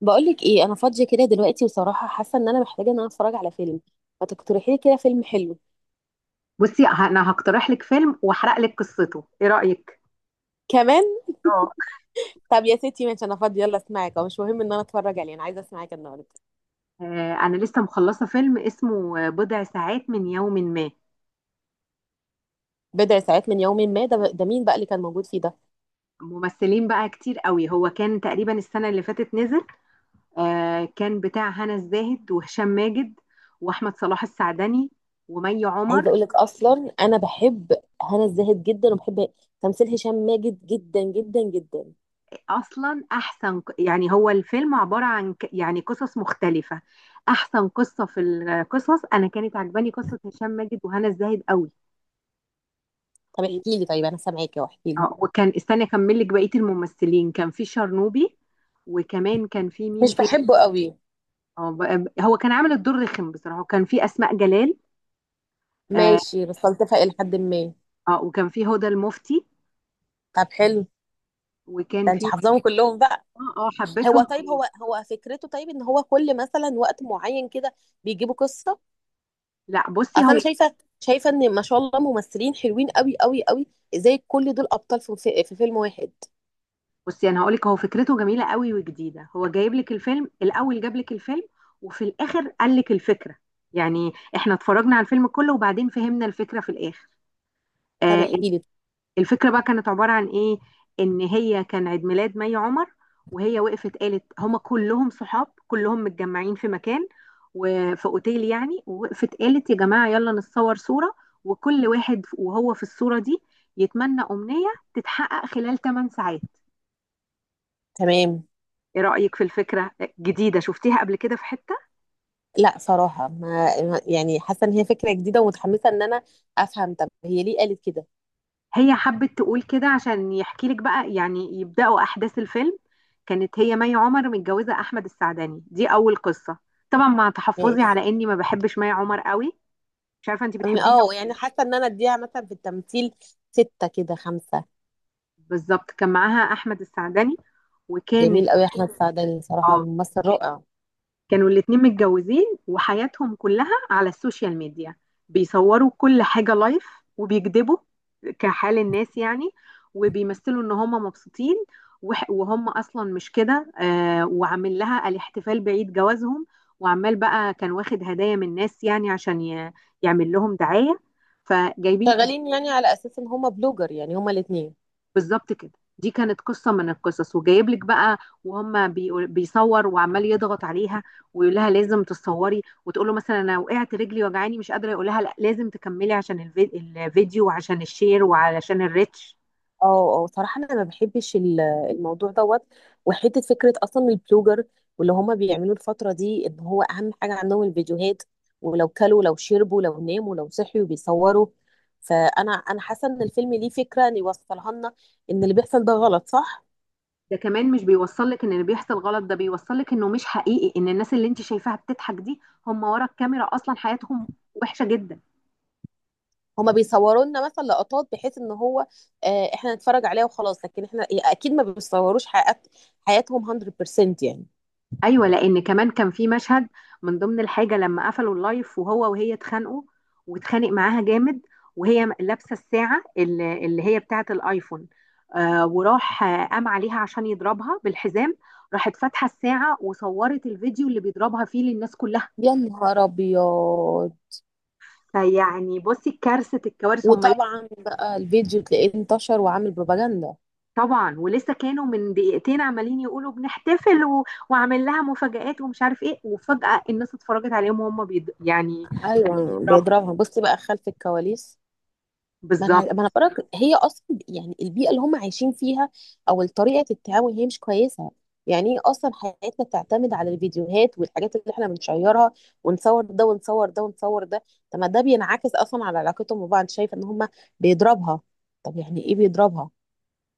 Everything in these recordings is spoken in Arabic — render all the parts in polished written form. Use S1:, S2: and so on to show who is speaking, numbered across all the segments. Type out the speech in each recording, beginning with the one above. S1: بقولك ايه انا فاضيه كده دلوقتي، وصراحه حاسه ان انا محتاجه ان انا اتفرج على فيلم. ما تقترحي لي كده فيلم حلو.
S2: بصي، انا هقترح لك فيلم واحرق لك قصته، ايه رأيك؟
S1: كمان.
S2: اه.
S1: طب يا ستي ماشي، انا فاضيه يلا اسمعك، أو مش مهم ان انا اتفرج عليه، انا عايزه اسمعك النهارده.
S2: آه، انا لسه مخلصة فيلم اسمه بضع ساعات من يوم ما.
S1: بضع ساعات من يوم ما، ده مين بقى اللي كان موجود فيه ده؟
S2: ممثلين بقى كتير قوي، هو كان تقريبا السنة اللي فاتت نزل. آه، كان بتاع هنا الزاهد وهشام ماجد واحمد صلاح السعدني ومي
S1: عايزه
S2: عمر.
S1: اقولك اصلا انا بحب هنا الزاهد جدا، وبحب تمثيل هشام ماجد جدا جدا جدا.
S2: اصلا احسن يعني هو الفيلم عبارة عن يعني قصص مختلفة. احسن قصة في القصص انا كانت عجباني قصة هشام ماجد وهنا الزاهد قوي.
S1: طب احكي لي، طيب انا سامعاكي، واحكي لي.
S2: وكان استني اكمل لك بقيه الممثلين، كان في شرنوبي وكمان كان في مين
S1: مش
S2: تاني.
S1: بحبه قوي.
S2: هو كان عامل الدور رخم بصراحه، وكان في اسماء جلال. اه.
S1: ماشي بس بلتفق الى حد ما.
S2: وكان في هدى المفتي،
S1: طب حلو.
S2: وكان
S1: ده انت
S2: في
S1: حافظاهم كلهم بقى؟
S2: اه. اه،
S1: هو
S2: حبيتهم.
S1: طيب، هو فكرته طيب ان هو كل مثلا وقت معين كده بيجيبوا قصه؟
S2: لا بصي
S1: اصل انا
S2: هو.
S1: شايفه ان ما شاء الله ممثلين حلوين قوي قوي قوي. ازاي كل دول ابطال في فيلم واحد؟
S2: بصي انا هقول لك، هو فكرته جميله قوي وجديده، هو جايب لك الفيلم، الاول جاب لك الفيلم وفي الاخر قال لك الفكره. يعني احنا اتفرجنا على الفيلم كله وبعدين فهمنا الفكره في الاخر.
S1: طب
S2: آه.
S1: احكي لي.
S2: الفكرة بقى كانت عبارة عن ايه؟ ان هي كان عيد ميلاد مي عمر، وهي وقفت قالت، هما كلهم صحاب كلهم متجمعين في مكان وفي اوتيل يعني، ووقفت قالت يا جماعة يلا نتصور صورة، وكل واحد وهو في الصورة دي يتمنى أمنية تتحقق خلال 8 ساعات.
S1: تمام.
S2: ايه رأيك في الفكرة؟ جديدة، شفتيها قبل كده في حتة؟
S1: لا صراحه، يعني حاسه ان هي فكره جديده، ومتحمسه ان انا افهم، طب هي ليه قالت كده؟
S2: هي حبت تقول كده عشان يحكي لك بقى، يعني يبدأوا أحداث الفيلم. كانت هي مي عمر متجوزة أحمد السعداني، دي أول قصة. طبعا مع تحفظي
S1: ماشي.
S2: على إني ما بحبش مي عمر قوي. مش عارفة أنت بتحبيها ولا
S1: يعني
S2: لأ.
S1: حاسه ان انا اديها مثلا في التمثيل سته كده، خمسه.
S2: بالظبط، كان معاها أحمد السعداني وكانت
S1: جميل قوي يا احمد سعداني، صراحه
S2: اه.
S1: ممثل رائع.
S2: كانوا الاتنين متجوزين وحياتهم كلها على السوشيال ميديا، بيصوروا كل حاجة لايف، وبيكذبوا كحال الناس يعني، وبيمثلوا ان هم مبسوطين، وهم اصلا مش كده. وعامل لها الاحتفال بعيد جوازهم، وعمال بقى كان واخد هدايا من الناس يعني عشان يعمل لهم دعاية، فجايبين.
S1: شغالين يعني على اساس ان هما بلوجر، يعني هما الاثنين.
S2: بالظبط كده، دي كانت قصة من القصص، وجايب لك بقى. بيصور وعمال يضغط عليها ويقول لها لازم تصوري، وتقول له مثلا انا وقعت رجلي وجعاني مش قادرة، يقول لها لا لازم تكملي عشان الفيديو وعشان الشير وعشان الريتش.
S1: اه اه صراحة انا ما بحبش الموضوع دوت، وحتة فكرة اصلا البلوجر واللي هما بيعملوا الفترة دي، ان هو اهم حاجة عندهم الفيديوهات، ولو كلوا لو شربوا لو ناموا لو صحيوا بيصوروا. فانا حاسة ان الفيلم ليه فكرة ان يوصلها لنا، ان اللي بيحصل ده غلط، صح؟
S2: ده كمان مش بيوصل لك ان اللي بيحصل غلط، ده بيوصل لك انه مش حقيقي، ان الناس اللي انت شايفاها بتضحك دي هم ورا الكاميرا اصلا حياتهم وحشة جدا.
S1: هما بيصوروا لنا مثلا لقطات، بحيث ان هو، احنا نتفرج عليها وخلاص، لكن احنا اكيد ما بيصوروش حياتهم 100% يعني.
S2: ايوه، لان كمان كان في مشهد من ضمن الحاجه، لما قفلوا اللايف وهو وهي اتخانقوا، واتخانق معاها جامد، وهي لابسه الساعه اللي هي بتاعه الايفون. آه وراح، قام عليها عشان يضربها بالحزام، راحت فاتحه الساعه وصورت الفيديو اللي بيضربها فيه للناس كلها.
S1: يا نهار ابيض.
S2: فيعني بصي، كارثه الكوارث، هم لسه.
S1: وطبعا بقى الفيديو تلاقيه انتشر وعامل بروباجندا.
S2: طبعا ولسه كانوا من دقيقتين عمالين يقولوا بنحتفل، و... وعامل لها مفاجآت ومش عارف ايه، وفجأة الناس اتفرجت عليهم وهم بيض... يعني
S1: ايوه
S2: بيضربوا.
S1: بيضربها، بصي بقى خلف الكواليس. ما انا
S2: بالظبط.
S1: بقولك هي اصلا يعني البيئه اللي هم عايشين فيها او طريقه التعامل هي مش كويسه. يعني ايه اصلا حياتنا تعتمد على الفيديوهات والحاجات اللي احنا بنشيرها، ونصور ده ونصور ده ونصور ده؟ طب ما ده بينعكس اصلا على علاقتهم ببعض، شايفه ان هم بيضربها؟ طب يعني ايه بيضربها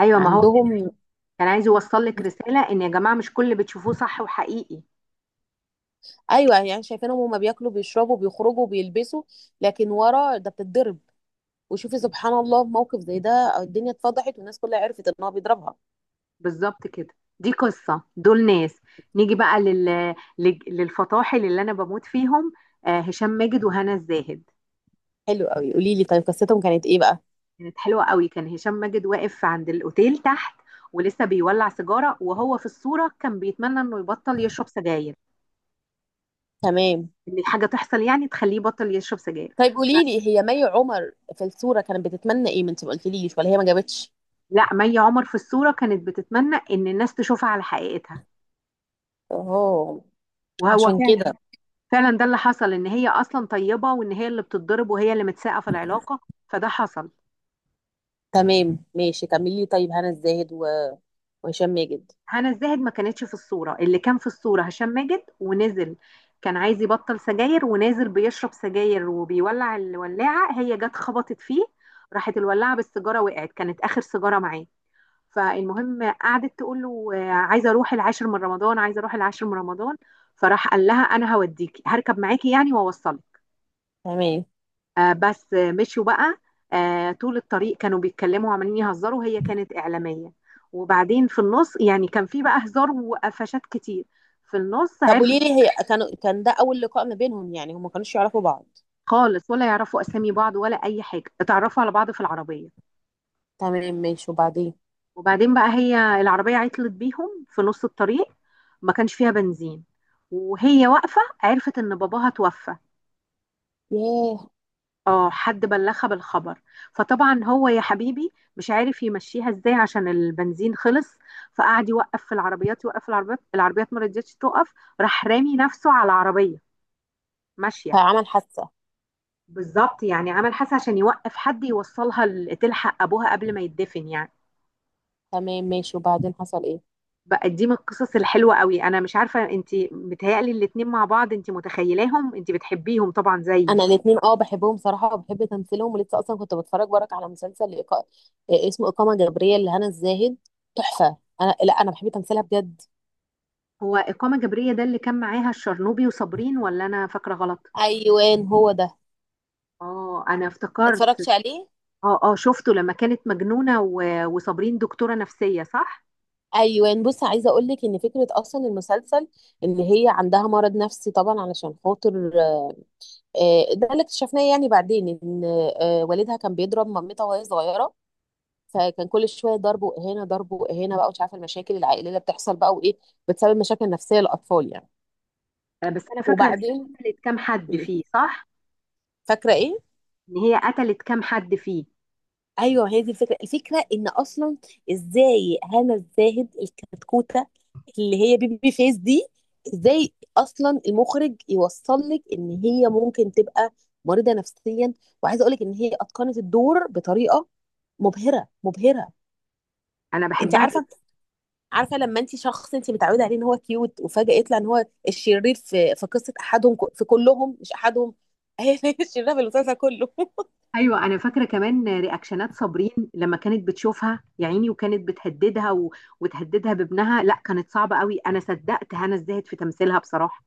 S2: ايوه، ما هو كان،
S1: عندهم؟
S2: كان عايز يوصل لك رساله ان يا جماعه مش كل اللي بتشوفوه صح وحقيقي.
S1: ايوه يعني شايفينهم هم بياكلوا بيشربوا بيخرجوا بيلبسوا، لكن ورا ده بتتضرب. وشوفي سبحان الله، في موقف زي ده الدنيا اتفضحت والناس كلها عرفت ان هو بيضربها.
S2: بالظبط كده، دي قصه دول ناس. نيجي بقى للفطاحل اللي انا بموت فيهم، آه هشام ماجد وهنا الزاهد.
S1: حلو قوي، قولي لي طيب قصتهم كانت ايه بقى؟
S2: كانت حلوه قوي، كان هشام ماجد واقف عند الاوتيل تحت ولسه بيولع سيجاره، وهو في الصوره كان بيتمنى انه يبطل يشرب سجاير،
S1: تمام.
S2: ان حاجه تحصل يعني تخليه يبطل يشرب سجاير.
S1: طيب
S2: ف-
S1: قولي لي، هي مي عمر في الصورة كانت بتتمنى ايه؟ ما انت ما قلتليش، ولا هي ما جابتش؟
S2: لا مي عمر في الصوره كانت بتتمنى ان الناس تشوفها على حقيقتها،
S1: اه،
S2: وهو
S1: عشان
S2: فعلا،
S1: كده.
S2: فعلا ده اللي حصل، ان هي اصلا طيبه وان هي اللي بتتضرب وهي اللي متساقه في العلاقه، فده حصل.
S1: تمام ماشي، كملي لي طيب هنا الزاهد وهشام ماجد.
S2: هنا الزاهد ما كانتش في الصوره، اللي كان في الصوره هشام ماجد، ونزل كان عايز يبطل سجاير، ونازل بيشرب سجاير وبيولع الولاعه، هي جت خبطت فيه، راحت الولاعه بالسيجاره وقعت، كانت اخر سيجاره معاه. فالمهم قعدت تقول له عايزه اروح العاشر من رمضان عايزه اروح العاشر من رمضان، فراح قال لها انا هوديكي هركب معاكي يعني واوصلك.
S1: تمام.
S2: آه، بس آه، مشوا بقى. طول الطريق كانوا بيتكلموا وعمالين يهزروا، هي كانت إعلامية، وبعدين في النص يعني كان في بقى هزار وقفشات كتير، في النص
S1: طب
S2: عرفت.
S1: قولي لي، هي كانوا كان ده اول لقاء ما بينهم يعني، هم ما كانوش يعرفوا بعض؟
S2: خالص ولا يعرفوا أسامي بعض ولا أي حاجة، اتعرفوا على بعض في العربية.
S1: تمام ماشي، وبعدين؟
S2: وبعدين بقى هي العربية عطلت بيهم في نص الطريق، ما كانش فيها بنزين، وهي واقفة عرفت إن باباها توفى.
S1: ياه.
S2: اه، حد بلغها بالخبر. فطبعا هو يا حبيبي مش عارف يمشيها ازاي عشان البنزين خلص، فقعد يوقف في العربيات يوقف في العربيات، العربيات ما رضيتش توقف، راح رامي نفسه على العربية ماشية.
S1: فعمل حادثة.
S2: بالظبط، يعني عمل حاسة عشان يوقف حد يوصلها تلحق ابوها قبل ما يدفن يعني.
S1: تمام ماشي، وبعدين حصل ايه؟
S2: بقى دي من القصص الحلوة قوي، انا مش عارفة انت بتهيألي الاتنين مع بعض، انت متخيلاهم، انت بتحبيهم طبعا زيي.
S1: انا الاثنين اه بحبهم صراحة، وبحب تمثيلهم، ولسه اصلا كنت بتفرج وراك على مسلسل إيقا- إيه، اسمه إقامة جبرية لهنا الزاهد. تحفة، انا لا انا بحب تمثيلها بجد.
S2: هو إقامة جبرية ده اللي كان معاها الشرنوبي وصابرين، ولا انا فاكرة غلط؟
S1: ايوان هو ده.
S2: اه، انا افتكرت.
S1: اتفرجت عليه.
S2: اه، اه، شفته لما كانت مجنونة وصابرين دكتورة نفسية صح؟
S1: ايوان بص، عايزه اقول لك ان فكره اصلا المسلسل ان هي عندها مرض نفسي طبعا، علشان خاطر ده اللي اكتشفناه يعني بعدين، ان والدها كان بيضرب مامتها وهي صغيره، فكان كل شويه ضرب واهانه، ضرب واهانه بقى، ومش عارفه المشاكل العائليه اللي بتحصل بقى وايه بتسبب مشاكل نفسيه للاطفال يعني.
S2: آه، بس أنا فاكرة إن هي
S1: وبعدين،
S2: قتلت كام حد
S1: قولي،
S2: فيه صح؟
S1: فاكره ايه؟
S2: إن هي قتلت كام حد فيه.
S1: ايوه هي دي الفكره، الفكره ان اصلا ازاي هنا الزاهد الكتكوته اللي هي بيبي فيس دي، ازاي اصلا المخرج يوصل لك ان هي ممكن تبقى مريضه نفسيا؟ وعايزه اقول لك ان هي اتقنت الدور بطريقه مبهره مبهره.
S2: أنا
S1: انت
S2: بحبها
S1: عارفه،
S2: جدا.
S1: عارفه لما انت شخص انت متعوده عليه ان هو كيوت، وفجاه يطلع ان هو الشرير في قصه احدهم، في كلهم مش احدهم. هي الشريره في المسلسل كله.
S2: أيوه، أنا فاكرة كمان رياكشنات صابرين لما كانت بتشوفها يا عيني، وكانت بتهددها و... وتهددها بابنها، لا كانت صعبة قوي، أنا صدقت هنا الزاهد في تمثيلها بصراحة.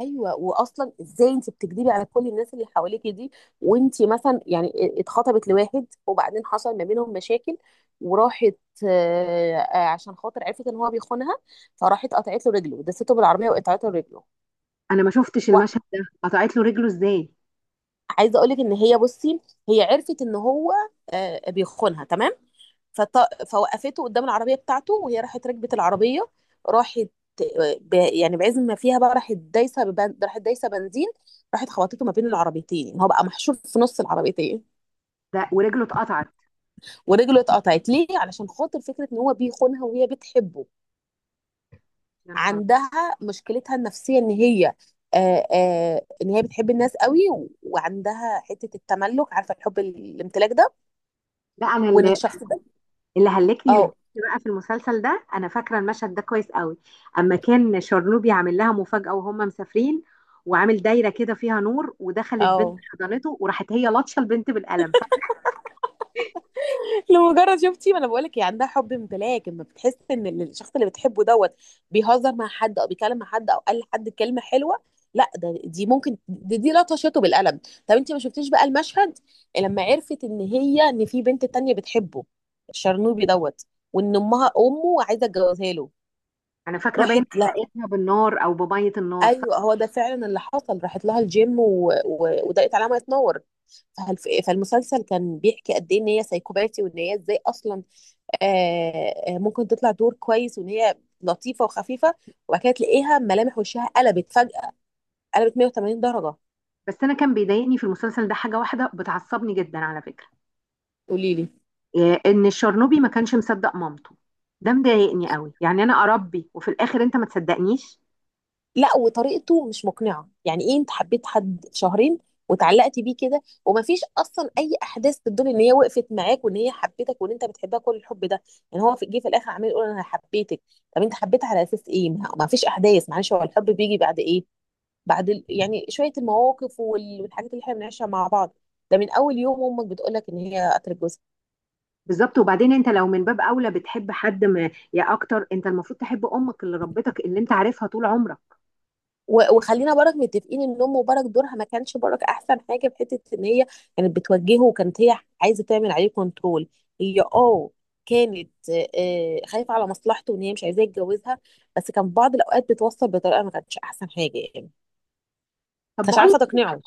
S1: ايوه، واصلا ازاي انت بتكذبي على كل الناس اللي حواليكي دي؟ وانت مثلا يعني اتخطبت لواحد، وبعدين حصل ما بينهم مشاكل، وراحت عشان خاطر عرفت ان هو بيخونها، فراحت قطعت له رجله، دسته بالعربيه وقطعت له رجله.
S2: أنا ما شفتش المشهد ده، قطعت له رجله إزاي؟
S1: وعايزه اقول لك ان هي بصي، هي عرفت ان هو بيخونها، تمام. فوقفته قدام العربية بتاعته، وهي راحت ركبت العربية، راحت يعني بعزم ما فيها بقى راحت دايسة راحت دايسة بنزين، راحت خبطته ما بين العربيتين، يعني هو بقى محشور في نص العربيتين.
S2: ده ورجله اتقطعت.
S1: ورجله اتقطعت ليه؟ علشان خاطر فكرة ان هو بيخونها وهي بتحبه.
S2: يا نهار أبيض.
S1: عندها مشكلتها النفسية ان هي، آه ان هي بتحب الناس قوي، وعندها حتة التملك، عارفة الحب الامتلاك ده؟
S2: لا
S1: وان
S2: أنا
S1: الشخص ده.
S2: اللي هلكني من
S1: اه
S2: الضحك بقى في المسلسل ده، انا فاكره المشهد ده كويس قوي، اما كان شرنوبي عامل لها مفاجاه وهم مسافرين، وعامل دايره كده فيها نور، ودخلت بنت
S1: اه
S2: حضنته، وراحت هي لطشه البنت بالقلم، فاكره؟
S1: لمجرد شفتي، ما انا بقول لك هي عندها حب امتلاك، لما بتحس ان الشخص اللي بتحبه دوت بيهزر مع حد او بيكلم مع حد او قال لحد كلمه حلوه، لا ده دي ممكن دي لطشته بالقلم. طب انت ما شفتيش بقى المشهد لما عرفت ان هي، ان في بنت تانية بتحبه، الشرنوبي دوت، وان امه عايزه تجوزها له؟
S2: انا فاكره باين
S1: راحت، لا،
S2: حرقتها بالنار او بميه النار صح.
S1: ايوه هو ده فعلا اللي حصل، راحت لها الجيم وضاقت عليها ما تنور. فالمسلسل كان بيحكي قد ايه ان هي سايكوباتي، وان هي ازاي اصلا ممكن تطلع دور كويس، وان هي لطيفه وخفيفه، وبعد كده تلاقيها ملامح وشها قلبت فجاه، قلبت 180 درجه.
S2: بس انا كان بيضايقني في المسلسل ده حاجه واحده بتعصبني جدا على فكره،
S1: قولي لي.
S2: إيه، ان الشرنوبي ما كانش مصدق مامته، ده مضايقني قوي، يعني انا اربي وفي الاخر انت ما تصدقنيش.
S1: لا وطريقته مش مقنعه، يعني ايه انت حبيت حد شهرين وتعلقتي بيه كده، ومفيش اصلا اي احداث تدل ان هي وقفت معاك وان هي حبيتك وان انت بتحبها كل الحب ده؟ يعني هو في، جه في الاخر عمال يقول انا حبيتك، طب انت حبيتها على اساس ايه؟ ما فيش احداث، معلش، هو الحب بيجي بعد ايه؟ بعد يعني شويه المواقف والحاجات اللي احنا بنعيشها مع بعض. ده من اول يوم امك بتقول لك ان هي قتلت جوزها.
S2: بالظبط، وبعدين انت لو من باب اولى بتحب حد ما، يا اكتر انت المفروض تحب امك اللي ربتك اللي انت عارفها طول عمرك.
S1: وخلينا برك متفقين ان ام برك دورها ما كانش برك احسن حاجه، في حته ان هي كانت بتوجهه، وكانت هي عايزه تعمل عليه كنترول. هي اه كانت خايفه على مصلحته، وان هي مش عايزاه يتجوزها، بس كان في بعض الاوقات بتوصل بطريقه ما كانتش احسن حاجه يعني،
S2: طب
S1: مش
S2: بقول لك
S1: عارفه تقنعه.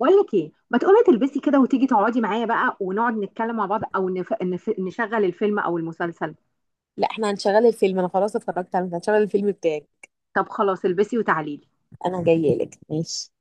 S2: بقول لك ايه، ما تقومي تلبسي كده وتيجي تقعدي معايا بقى ونقعد نتكلم مع بعض او نشغل الفيلم او المسلسل.
S1: لا احنا هنشغل الفيلم، انا خلاص اتفرجت على هنشغل الفيلم بتاعي.
S2: طب خلاص، البسي وتعالي لي.
S1: انا جايه لك، ماشي.